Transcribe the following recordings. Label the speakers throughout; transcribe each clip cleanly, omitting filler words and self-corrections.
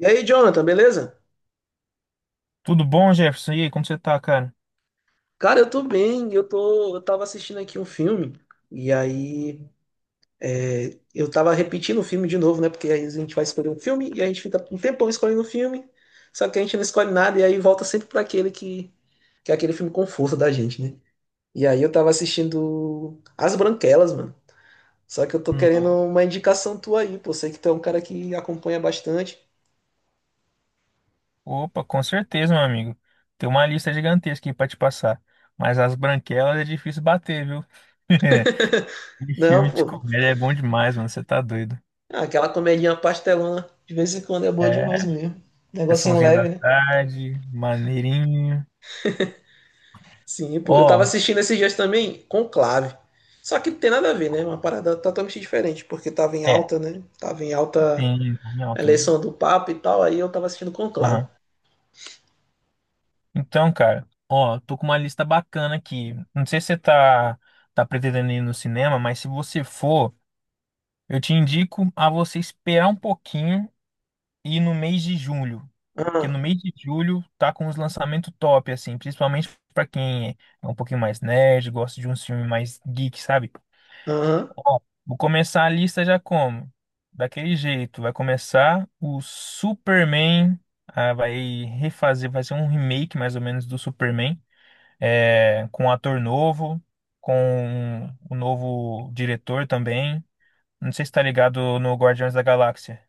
Speaker 1: E aí, Jonathan, beleza?
Speaker 2: Tudo bom, Jefferson? E aí, como você tá, cara?
Speaker 1: Cara, eu tô bem. Eu tava assistindo aqui um filme e aí eu tava repetindo o filme de novo, né? Porque aí a gente vai escolher um filme e a gente fica um tempão escolhendo o filme, só que a gente não escolhe nada e aí volta sempre pra que é aquele filme conforto da gente, né? E aí eu tava assistindo As Branquelas, mano. Só que eu tô querendo
Speaker 2: Não.
Speaker 1: uma indicação tua aí, pô. Sei que tu é um cara que acompanha bastante.
Speaker 2: Opa, com certeza, meu amigo. Tem uma lista gigantesca aí pra te passar. Mas as branquelas é difícil bater, viu? E
Speaker 1: Não,
Speaker 2: filme de
Speaker 1: pô.
Speaker 2: comédia é bom demais, mano. Você tá doido.
Speaker 1: Ah, aquela comedinha pastelona de vez em quando é boa demais
Speaker 2: É,
Speaker 1: mesmo. Negocinho
Speaker 2: sessãozinha da
Speaker 1: leve, né?
Speaker 2: tarde, maneirinho.
Speaker 1: Sim, pô. Eu tava
Speaker 2: Ó,
Speaker 1: assistindo esses dias também Conclave. Só que não tem nada a ver, né? Uma parada totalmente diferente, porque tava em
Speaker 2: é,
Speaker 1: alta, né? Tava em alta
Speaker 2: tem
Speaker 1: a
Speaker 2: alto mesmo.
Speaker 1: eleição do Papa e tal, aí eu tava assistindo Conclave.
Speaker 2: Aham. Então, cara, ó, tô com uma lista bacana aqui. Não sei se você tá pretendendo ir no cinema, mas se você for, eu te indico a você esperar um pouquinho e no mês de julho. Porque
Speaker 1: Ah,
Speaker 2: no mês de julho tá com os lançamentos top, assim, principalmente pra quem é um pouquinho mais nerd, gosta de um filme mais geek, sabe?
Speaker 1: aham.
Speaker 2: Ó, vou começar a lista já como? Daquele jeito, vai começar o Superman, ah, vai refazer, vai ser um remake mais ou menos do Superman, é, com um ator novo, com o novo diretor também. Não sei se tá ligado no Guardiões da Galáxia.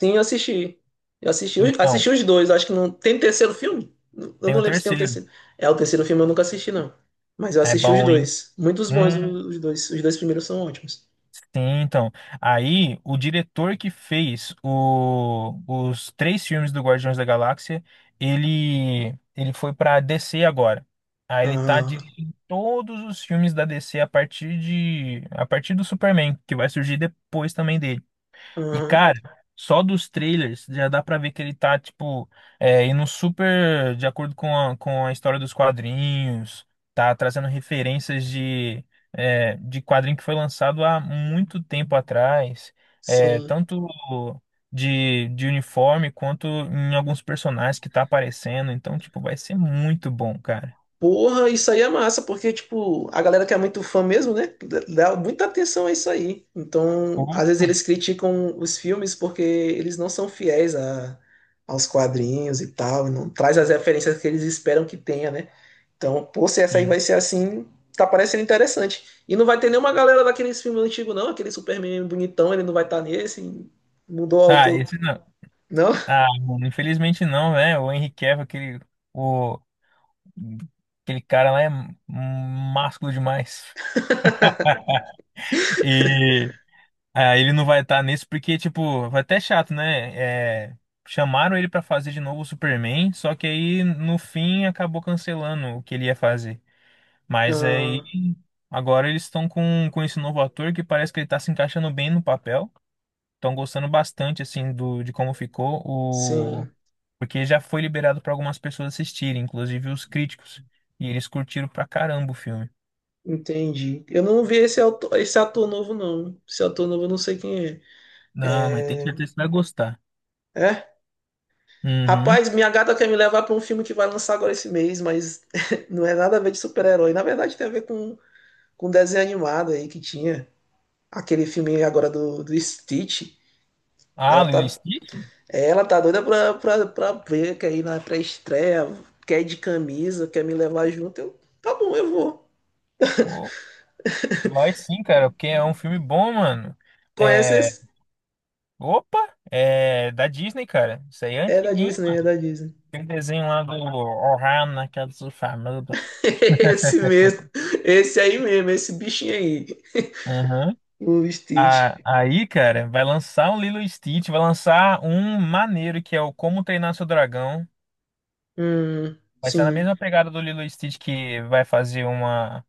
Speaker 1: Sim, eu assisti. Eu assisti,
Speaker 2: Então,
Speaker 1: assisti os dois, acho que não. Tem um terceiro filme? Eu
Speaker 2: tem
Speaker 1: não
Speaker 2: o
Speaker 1: lembro se tem o
Speaker 2: terceiro.
Speaker 1: terceiro. É, o terceiro filme eu nunca assisti, não. Mas eu
Speaker 2: É
Speaker 1: assisti os
Speaker 2: bom, hein?
Speaker 1: dois. Muitos bons
Speaker 2: Hum,
Speaker 1: os dois. Os dois primeiros são ótimos.
Speaker 2: sim, então. Aí, o diretor que fez o- os três filmes do Guardiões da Galáxia, ele foi pra DC agora. Aí ele tá
Speaker 1: Ah,
Speaker 2: dirigindo todos os filmes da DC a partir de, a partir do Superman, que vai surgir depois também dele. E,
Speaker 1: aham.
Speaker 2: cara, só dos trailers já dá pra ver que ele tá, tipo, é, indo super de acordo com com a história dos quadrinhos, tá trazendo referências de, é, de quadrinho que foi lançado há muito tempo atrás, é,
Speaker 1: Sim.
Speaker 2: tanto de uniforme quanto em alguns personagens que tá aparecendo. Então, tipo, vai ser muito bom, cara.
Speaker 1: Porra, isso aí é massa, porque, tipo, a galera que é muito fã mesmo, né, dá muita atenção a isso aí. Então, às vezes
Speaker 2: Opa,
Speaker 1: eles criticam os filmes porque eles não são fiéis aos quadrinhos e tal, não traz as referências que eles esperam que tenha, né? Então, pô, se essa aí
Speaker 2: sim.
Speaker 1: vai ser assim, tá parecendo interessante. E não vai ter nenhuma galera daqueles filmes antigos, não, aquele Superman bonitão, ele não vai estar nesse, mudou o
Speaker 2: Ah,
Speaker 1: autor.
Speaker 2: esse não.
Speaker 1: Não?
Speaker 2: Ah, mano, infelizmente não, né? O Henry Cavill, aquele. O, aquele cara lá é másculo demais. E ah, ele não vai estar nesse porque, tipo, vai até chato, né? É, chamaram ele pra fazer de novo o Superman, só que aí no fim acabou cancelando o que ele ia fazer. Mas aí
Speaker 1: Ah,
Speaker 2: agora eles estão com esse novo ator que parece que ele tá se encaixando bem no papel. Estão gostando bastante, assim, do, de como ficou o.
Speaker 1: sim.
Speaker 2: Porque já foi liberado pra algumas pessoas assistirem, inclusive os críticos. E eles curtiram pra caramba o filme.
Speaker 1: Entendi. Eu não vi esse ator novo, não. Esse ator novo eu não sei quem é.
Speaker 2: Não, mas tem certeza que você vai gostar.
Speaker 1: É?
Speaker 2: Uhum.
Speaker 1: Rapaz, minha gata quer me levar pra um filme que vai lançar agora esse mês, mas não é nada a ver de super-herói. Na verdade, tem a ver com um desenho animado aí que tinha. Aquele filme agora do Stitch.
Speaker 2: Ah,
Speaker 1: Ela
Speaker 2: Lilo e
Speaker 1: tá,
Speaker 2: Stitch?
Speaker 1: ela tá doida pra ver, quer ir na pré-estreia, quer ir de camisa, quer me levar junto. Eu, tá bom, eu vou.
Speaker 2: Ô, vai sim, cara, porque é um filme bom, mano.
Speaker 1: Conhece
Speaker 2: É.
Speaker 1: esse?
Speaker 2: Opa! É da Disney, cara. Isso aí é
Speaker 1: É da
Speaker 2: antiguinho.
Speaker 1: Disney, é da Disney.
Speaker 2: Aquele desenho lá do Ohana, que é do famoso.
Speaker 1: Esse mesmo. Esse aí mesmo, esse bichinho aí.
Speaker 2: Uhum.
Speaker 1: O
Speaker 2: Ah,
Speaker 1: Stitch.
Speaker 2: aí, cara, vai lançar um Lilo e Stitch, vai lançar um maneiro que é o Como Treinar Seu Dragão.
Speaker 1: Hum,
Speaker 2: Vai estar na
Speaker 1: sim,
Speaker 2: mesma pegada do Lilo e Stitch que vai fazer uma.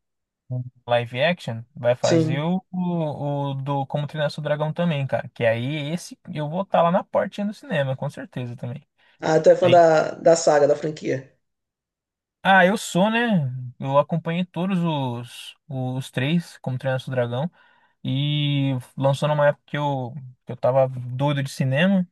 Speaker 2: Um live action, vai fazer
Speaker 1: sim.
Speaker 2: o, o do Como Treinar Seu Dragão também, cara. Que aí esse eu vou estar lá na portinha do cinema, com certeza também.
Speaker 1: Ah, tu é fã
Speaker 2: Aí,
Speaker 1: da, da saga, da franquia.
Speaker 2: ah, eu sou, né? Eu acompanhei todos os três, Como Treinar Seu Dragão. E lançou numa época que eu tava doido de cinema,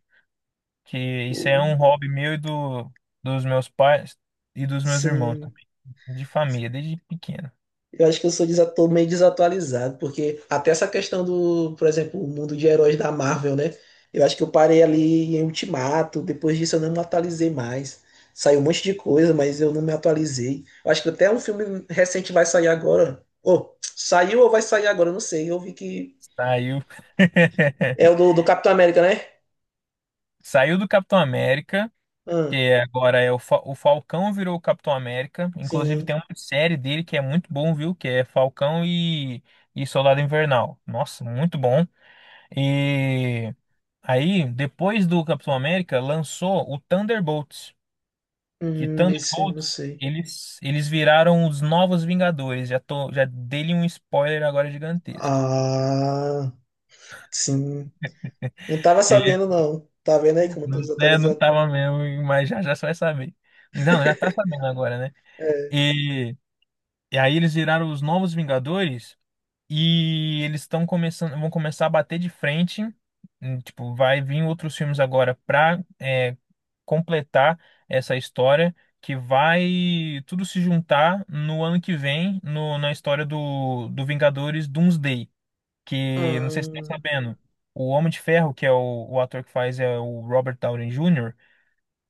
Speaker 2: que isso é
Speaker 1: Pô,
Speaker 2: um hobby meu e do, dos meus pais e dos meus irmãos
Speaker 1: sim.
Speaker 2: também, de família, desde pequeno.
Speaker 1: Eu acho que eu tô meio desatualizado, porque até essa questão do, por exemplo, o mundo de heróis da Marvel, né? Eu acho que eu parei ali em Ultimato, depois disso eu não me atualizei mais. Saiu um monte de coisa, mas eu não me atualizei. Eu acho que até um filme recente vai sair agora. Ou saiu ou vai sair agora, eu não sei. Eu vi que
Speaker 2: Saiu.
Speaker 1: é do Capitão América, né?
Speaker 2: Saiu do Capitão América.
Speaker 1: Ah,
Speaker 2: Que agora é o, Fa- o Falcão virou o Capitão América. Inclusive
Speaker 1: sim.
Speaker 2: tem uma série dele que é muito bom, viu? Que é Falcão e Soldado Invernal. Nossa, muito bom. E aí, depois do Capitão América, lançou o Thunderbolts. Que
Speaker 1: Esse eu não
Speaker 2: Thunderbolts,
Speaker 1: sei.
Speaker 2: eles viraram os novos Vingadores. Já tô, já dei-lhe um spoiler agora gigantesco.
Speaker 1: Ah, sim. Não tava
Speaker 2: Ele
Speaker 1: sabendo, não. Tá vendo aí como eu
Speaker 2: não,
Speaker 1: tô
Speaker 2: né, não
Speaker 1: desatualizado?
Speaker 2: tava mesmo, mas já já você vai saber. Não, já tá sabendo agora, né?
Speaker 1: É.
Speaker 2: E, e aí eles viraram os novos Vingadores. E eles estão começando, vão começar a bater de frente. Tipo, vai vir outros filmes agora para completar essa história que vai tudo se juntar no ano que vem no- na história do, do Vingadores Doomsday, que não sei se você está
Speaker 1: Hum.
Speaker 2: sabendo. O Homem de Ferro, que é o ator que faz é o Robert Downey Jr.,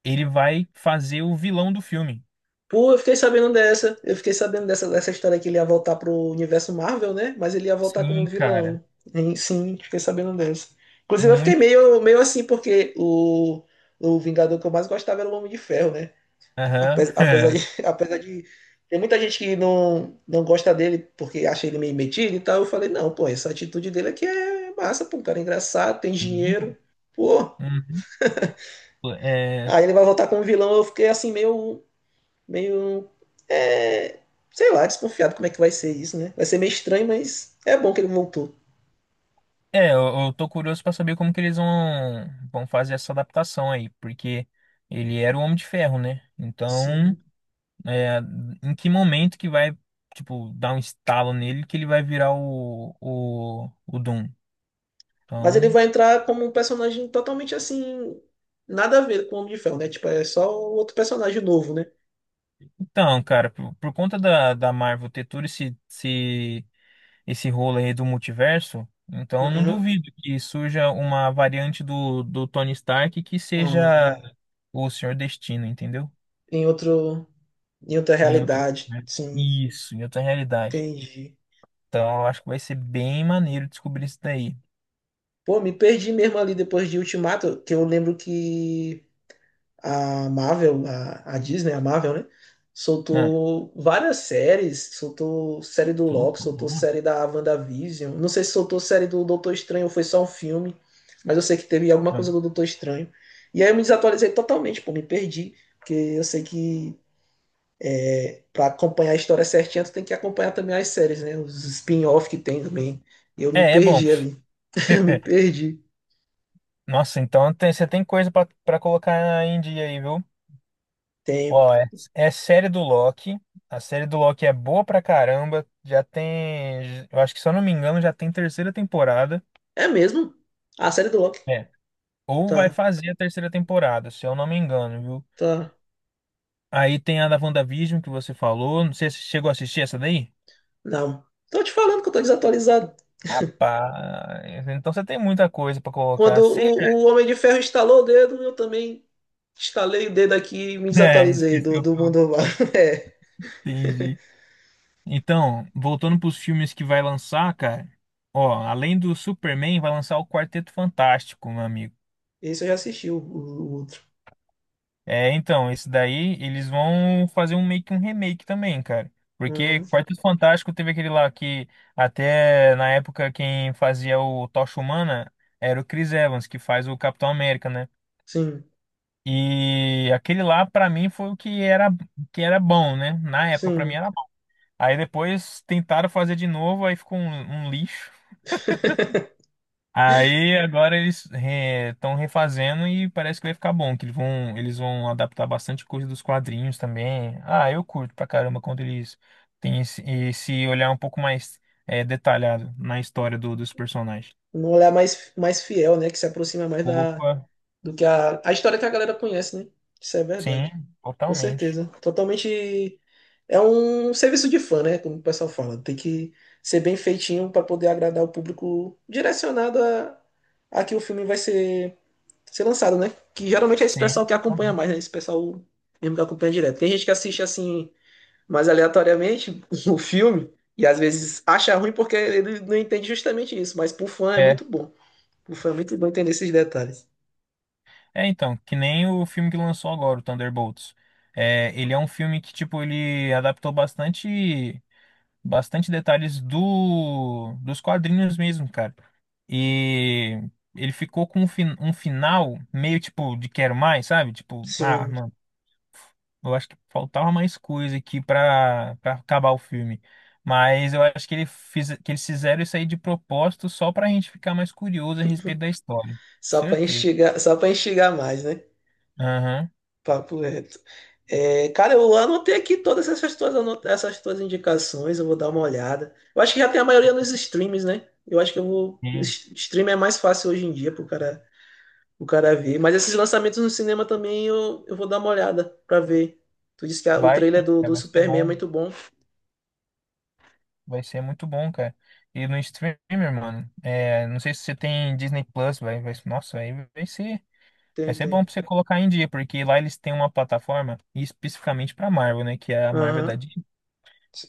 Speaker 2: ele vai fazer o vilão do filme.
Speaker 1: Pô, eu fiquei sabendo dessa. Eu fiquei sabendo dessa, dessa história que ele ia voltar pro universo Marvel, né? Mas ele ia voltar como
Speaker 2: Sim, cara.
Speaker 1: vilão. Hein, sim, fiquei sabendo dessa. Inclusive, eu fiquei
Speaker 2: Muito.
Speaker 1: meio, meio assim, porque o Vingador que eu mais gostava era o Homem de Ferro, né?
Speaker 2: Aham.
Speaker 1: Apesar, apesar de, apesar de ter muita gente que não, não gosta dele porque acha ele meio metido e tal, eu falei, não, pô, essa atitude dele aqui é massa, pô, um cara é engraçado, tem
Speaker 2: Sim,
Speaker 1: dinheiro,
Speaker 2: pô.
Speaker 1: pô.
Speaker 2: Uhum. É,
Speaker 1: Aí ele vai voltar como vilão, eu fiquei assim, meio, é, sei lá, desconfiado como é que vai ser isso, né? Vai ser meio estranho, mas é bom que ele voltou.
Speaker 2: é, eu tô curioso pra saber como que eles vão fazer essa adaptação aí, porque ele era o Homem de Ferro, né? Então,
Speaker 1: Sim.
Speaker 2: é, em que momento que vai, tipo, dar um estalo nele que ele vai virar o Doom?
Speaker 1: Mas ele
Speaker 2: Então,
Speaker 1: vai entrar como um personagem totalmente assim, nada a ver com o Homem de Ferro, né? Tipo, é só outro personagem novo, né?
Speaker 2: então, cara, por conta da, da Marvel ter todo esse, esse, esse rolo aí do multiverso, então eu não
Speaker 1: Uhum.
Speaker 2: duvido que surja uma variante do, do Tony Stark que seja
Speaker 1: Ah,
Speaker 2: o Senhor Destino, entendeu?
Speaker 1: tem outro. Em outra
Speaker 2: Em outro...
Speaker 1: realidade.
Speaker 2: universo.
Speaker 1: Sim,
Speaker 2: Isso, em outra realidade.
Speaker 1: entendi.
Speaker 2: Então, eu acho que vai ser bem maneiro descobrir isso daí.
Speaker 1: Pô, me perdi mesmo ali depois de Ultimato, que eu lembro que a Marvel, a Disney, a Marvel, né?
Speaker 2: Né?
Speaker 1: Soltou várias séries, soltou série do Loki, soltou
Speaker 2: Loucura.
Speaker 1: série da WandaVision. Não sei se soltou série do Doutor Estranho ou foi só um filme, mas eu sei que teve alguma coisa
Speaker 2: Hum.
Speaker 1: do Doutor Estranho. E aí eu me desatualizei totalmente, pô, me perdi, porque eu sei que pra acompanhar a história certinha, tu tem que acompanhar também as séries, né? Os spin-off que tem também. Eu me
Speaker 2: É, é bom.
Speaker 1: perdi ali. Eu me perdi.
Speaker 2: Nossa, então tem- você tem coisa pra pra colocar em dia aí, viu?
Speaker 1: Tempo.
Speaker 2: Ó, é, é série do Loki. A série do Loki é boa pra caramba. Já tem, eu acho que se eu não me engano, já tem terceira temporada.
Speaker 1: É mesmo? A série do Loki.
Speaker 2: É. Ou vai
Speaker 1: Tá,
Speaker 2: fazer a terceira temporada, se eu não me engano, viu?
Speaker 1: tá.
Speaker 2: Aí tem a da WandaVision que você falou. Não sei se você chegou a assistir essa daí.
Speaker 1: Não. Tô te falando que eu tô desatualizado.
Speaker 2: Rapaz, então você tem muita coisa pra
Speaker 1: Quando
Speaker 2: colocar. Sim.
Speaker 1: o Homem de Ferro instalou o dedo, eu também instalei o dedo aqui e me
Speaker 2: É,
Speaker 1: desatualizei
Speaker 2: esqueceu
Speaker 1: do
Speaker 2: tudo.
Speaker 1: mundo. Lá. É,
Speaker 2: Entendi. Então, voltando pros filmes que vai lançar, cara. Ó, além do Superman, vai lançar o Quarteto Fantástico, meu amigo.
Speaker 1: esse eu já assisti, o outro.
Speaker 2: É, então, esse daí eles vão fazer um meio que um remake também, cara. Porque
Speaker 1: Uhum.
Speaker 2: Quarteto Fantástico teve aquele lá que até na época quem fazia o Tocha Humana era o Chris Evans, que faz o Capitão América, né?
Speaker 1: Sim,
Speaker 2: E aquele lá pra mim foi o que era bom, né? Na época pra mim
Speaker 1: sim.
Speaker 2: era bom. Aí depois tentaram fazer de novo, aí ficou um, um lixo. Aí agora eles estão refazendo e parece que vai ficar bom, que eles vão adaptar bastante coisa dos quadrinhos também. Ah, eu curto pra caramba quando eles têm esse, esse olhar um pouco mais detalhado na história do- dos personagens.
Speaker 1: Um olhar mais, mais fiel, né? Que se aproxima mais
Speaker 2: Opa,
Speaker 1: do que a história que a galera conhece, né? Isso é
Speaker 2: sim,
Speaker 1: verdade. Com
Speaker 2: totalmente.
Speaker 1: certeza. Totalmente. É um serviço de fã, né? Como o pessoal fala. Tem que ser bem feitinho para poder agradar o público direcionado a que o filme ser lançado, né? Que geralmente é esse
Speaker 2: Sim,
Speaker 1: pessoal que acompanha
Speaker 2: totalmente.
Speaker 1: mais, né? Esse pessoal mesmo que acompanha direto. Tem gente que assiste assim, mais aleatoriamente, o filme, e às vezes acha ruim porque ele não entende justamente isso. Mas pro fã é
Speaker 2: É.
Speaker 1: muito bom. Pro fã é muito bom entender esses detalhes.
Speaker 2: É, então, que nem o filme que lançou agora, o Thunderbolts. É, ele é um filme que, tipo, ele adaptou bastante, bastante detalhes do, dos quadrinhos mesmo, cara. E ele ficou com um, fin- um final meio, tipo, de quero mais, sabe? Tipo, ah,
Speaker 1: Sim.
Speaker 2: mano, eu acho que faltava mais coisa aqui pra, pra acabar o filme. Mas eu acho que, ele fiz, que eles fizeram isso aí de propósito só pra gente ficar mais curioso a respeito da história. Certeza.
Speaker 1: Só para enxergar mais, né?
Speaker 2: Aham.
Speaker 1: Papo reto. É, cara, eu anotei aqui todas essas tuas, anota- essas tuas indicações, eu vou dar uma olhada. Eu acho que já tem a maioria nos streams, né? Eu acho que Stream é mais fácil hoje em dia pro cara, o cara ver. Mas esses lançamentos no cinema também eu vou dar uma olhada pra ver. Tu disse que o
Speaker 2: Vai
Speaker 1: trailer
Speaker 2: sim, cara,
Speaker 1: do
Speaker 2: vai ser
Speaker 1: Superman é
Speaker 2: bom.
Speaker 1: muito bom.
Speaker 2: Vai ser muito bom, cara. E no streamer, mano, é, não sei se você tem Disney Plus, vai, vai, nossa, aí vai
Speaker 1: Tem,
Speaker 2: ser
Speaker 1: tem.
Speaker 2: bom pra você colocar em dia, porque lá eles têm uma plataforma especificamente pra Marvel, né, que é a Marvel
Speaker 1: Aham.
Speaker 2: da Disney.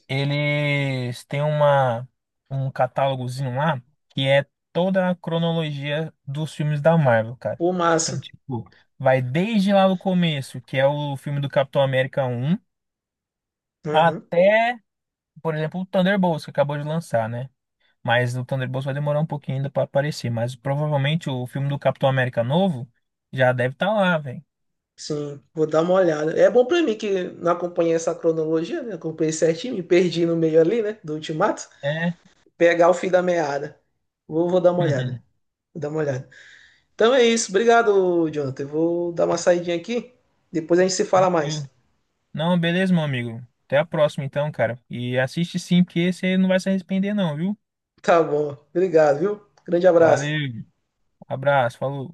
Speaker 2: Eles têm uma, um catálogozinho lá que é toda a cronologia dos filmes da Marvel, cara.
Speaker 1: Pô,
Speaker 2: Então,
Speaker 1: massa.
Speaker 2: tipo, vai desde lá do começo, que é o filme do Capitão América um
Speaker 1: Aham.
Speaker 2: até por exemplo, o Thunderbolts que acabou de lançar, né? Mas o Thunderbolts vai demorar um pouquinho ainda pra aparecer, mas provavelmente o filme do Capitão América novo já deve estar lá, velho.
Speaker 1: Sim, vou dar uma olhada. É bom pra mim que não acompanhei essa cronologia, né? Acompanhei certinho, me perdi no meio ali, né? Do Ultimato.
Speaker 2: É.
Speaker 1: Pegar o fim da meada. Vou dar uma olhada. Vou dar uma olhada. Então é isso. Obrigado, Jonathan. Eu vou dar uma saidinha aqui. Depois a gente se fala
Speaker 2: Tranquilo.
Speaker 1: mais.
Speaker 2: Não, beleza, meu amigo. Até a próxima então, cara. E assiste sim, porque você não vai se arrepender não, viu?
Speaker 1: Tá bom. Obrigado, viu? Grande abraço.
Speaker 2: Valeu. Abraço, falou.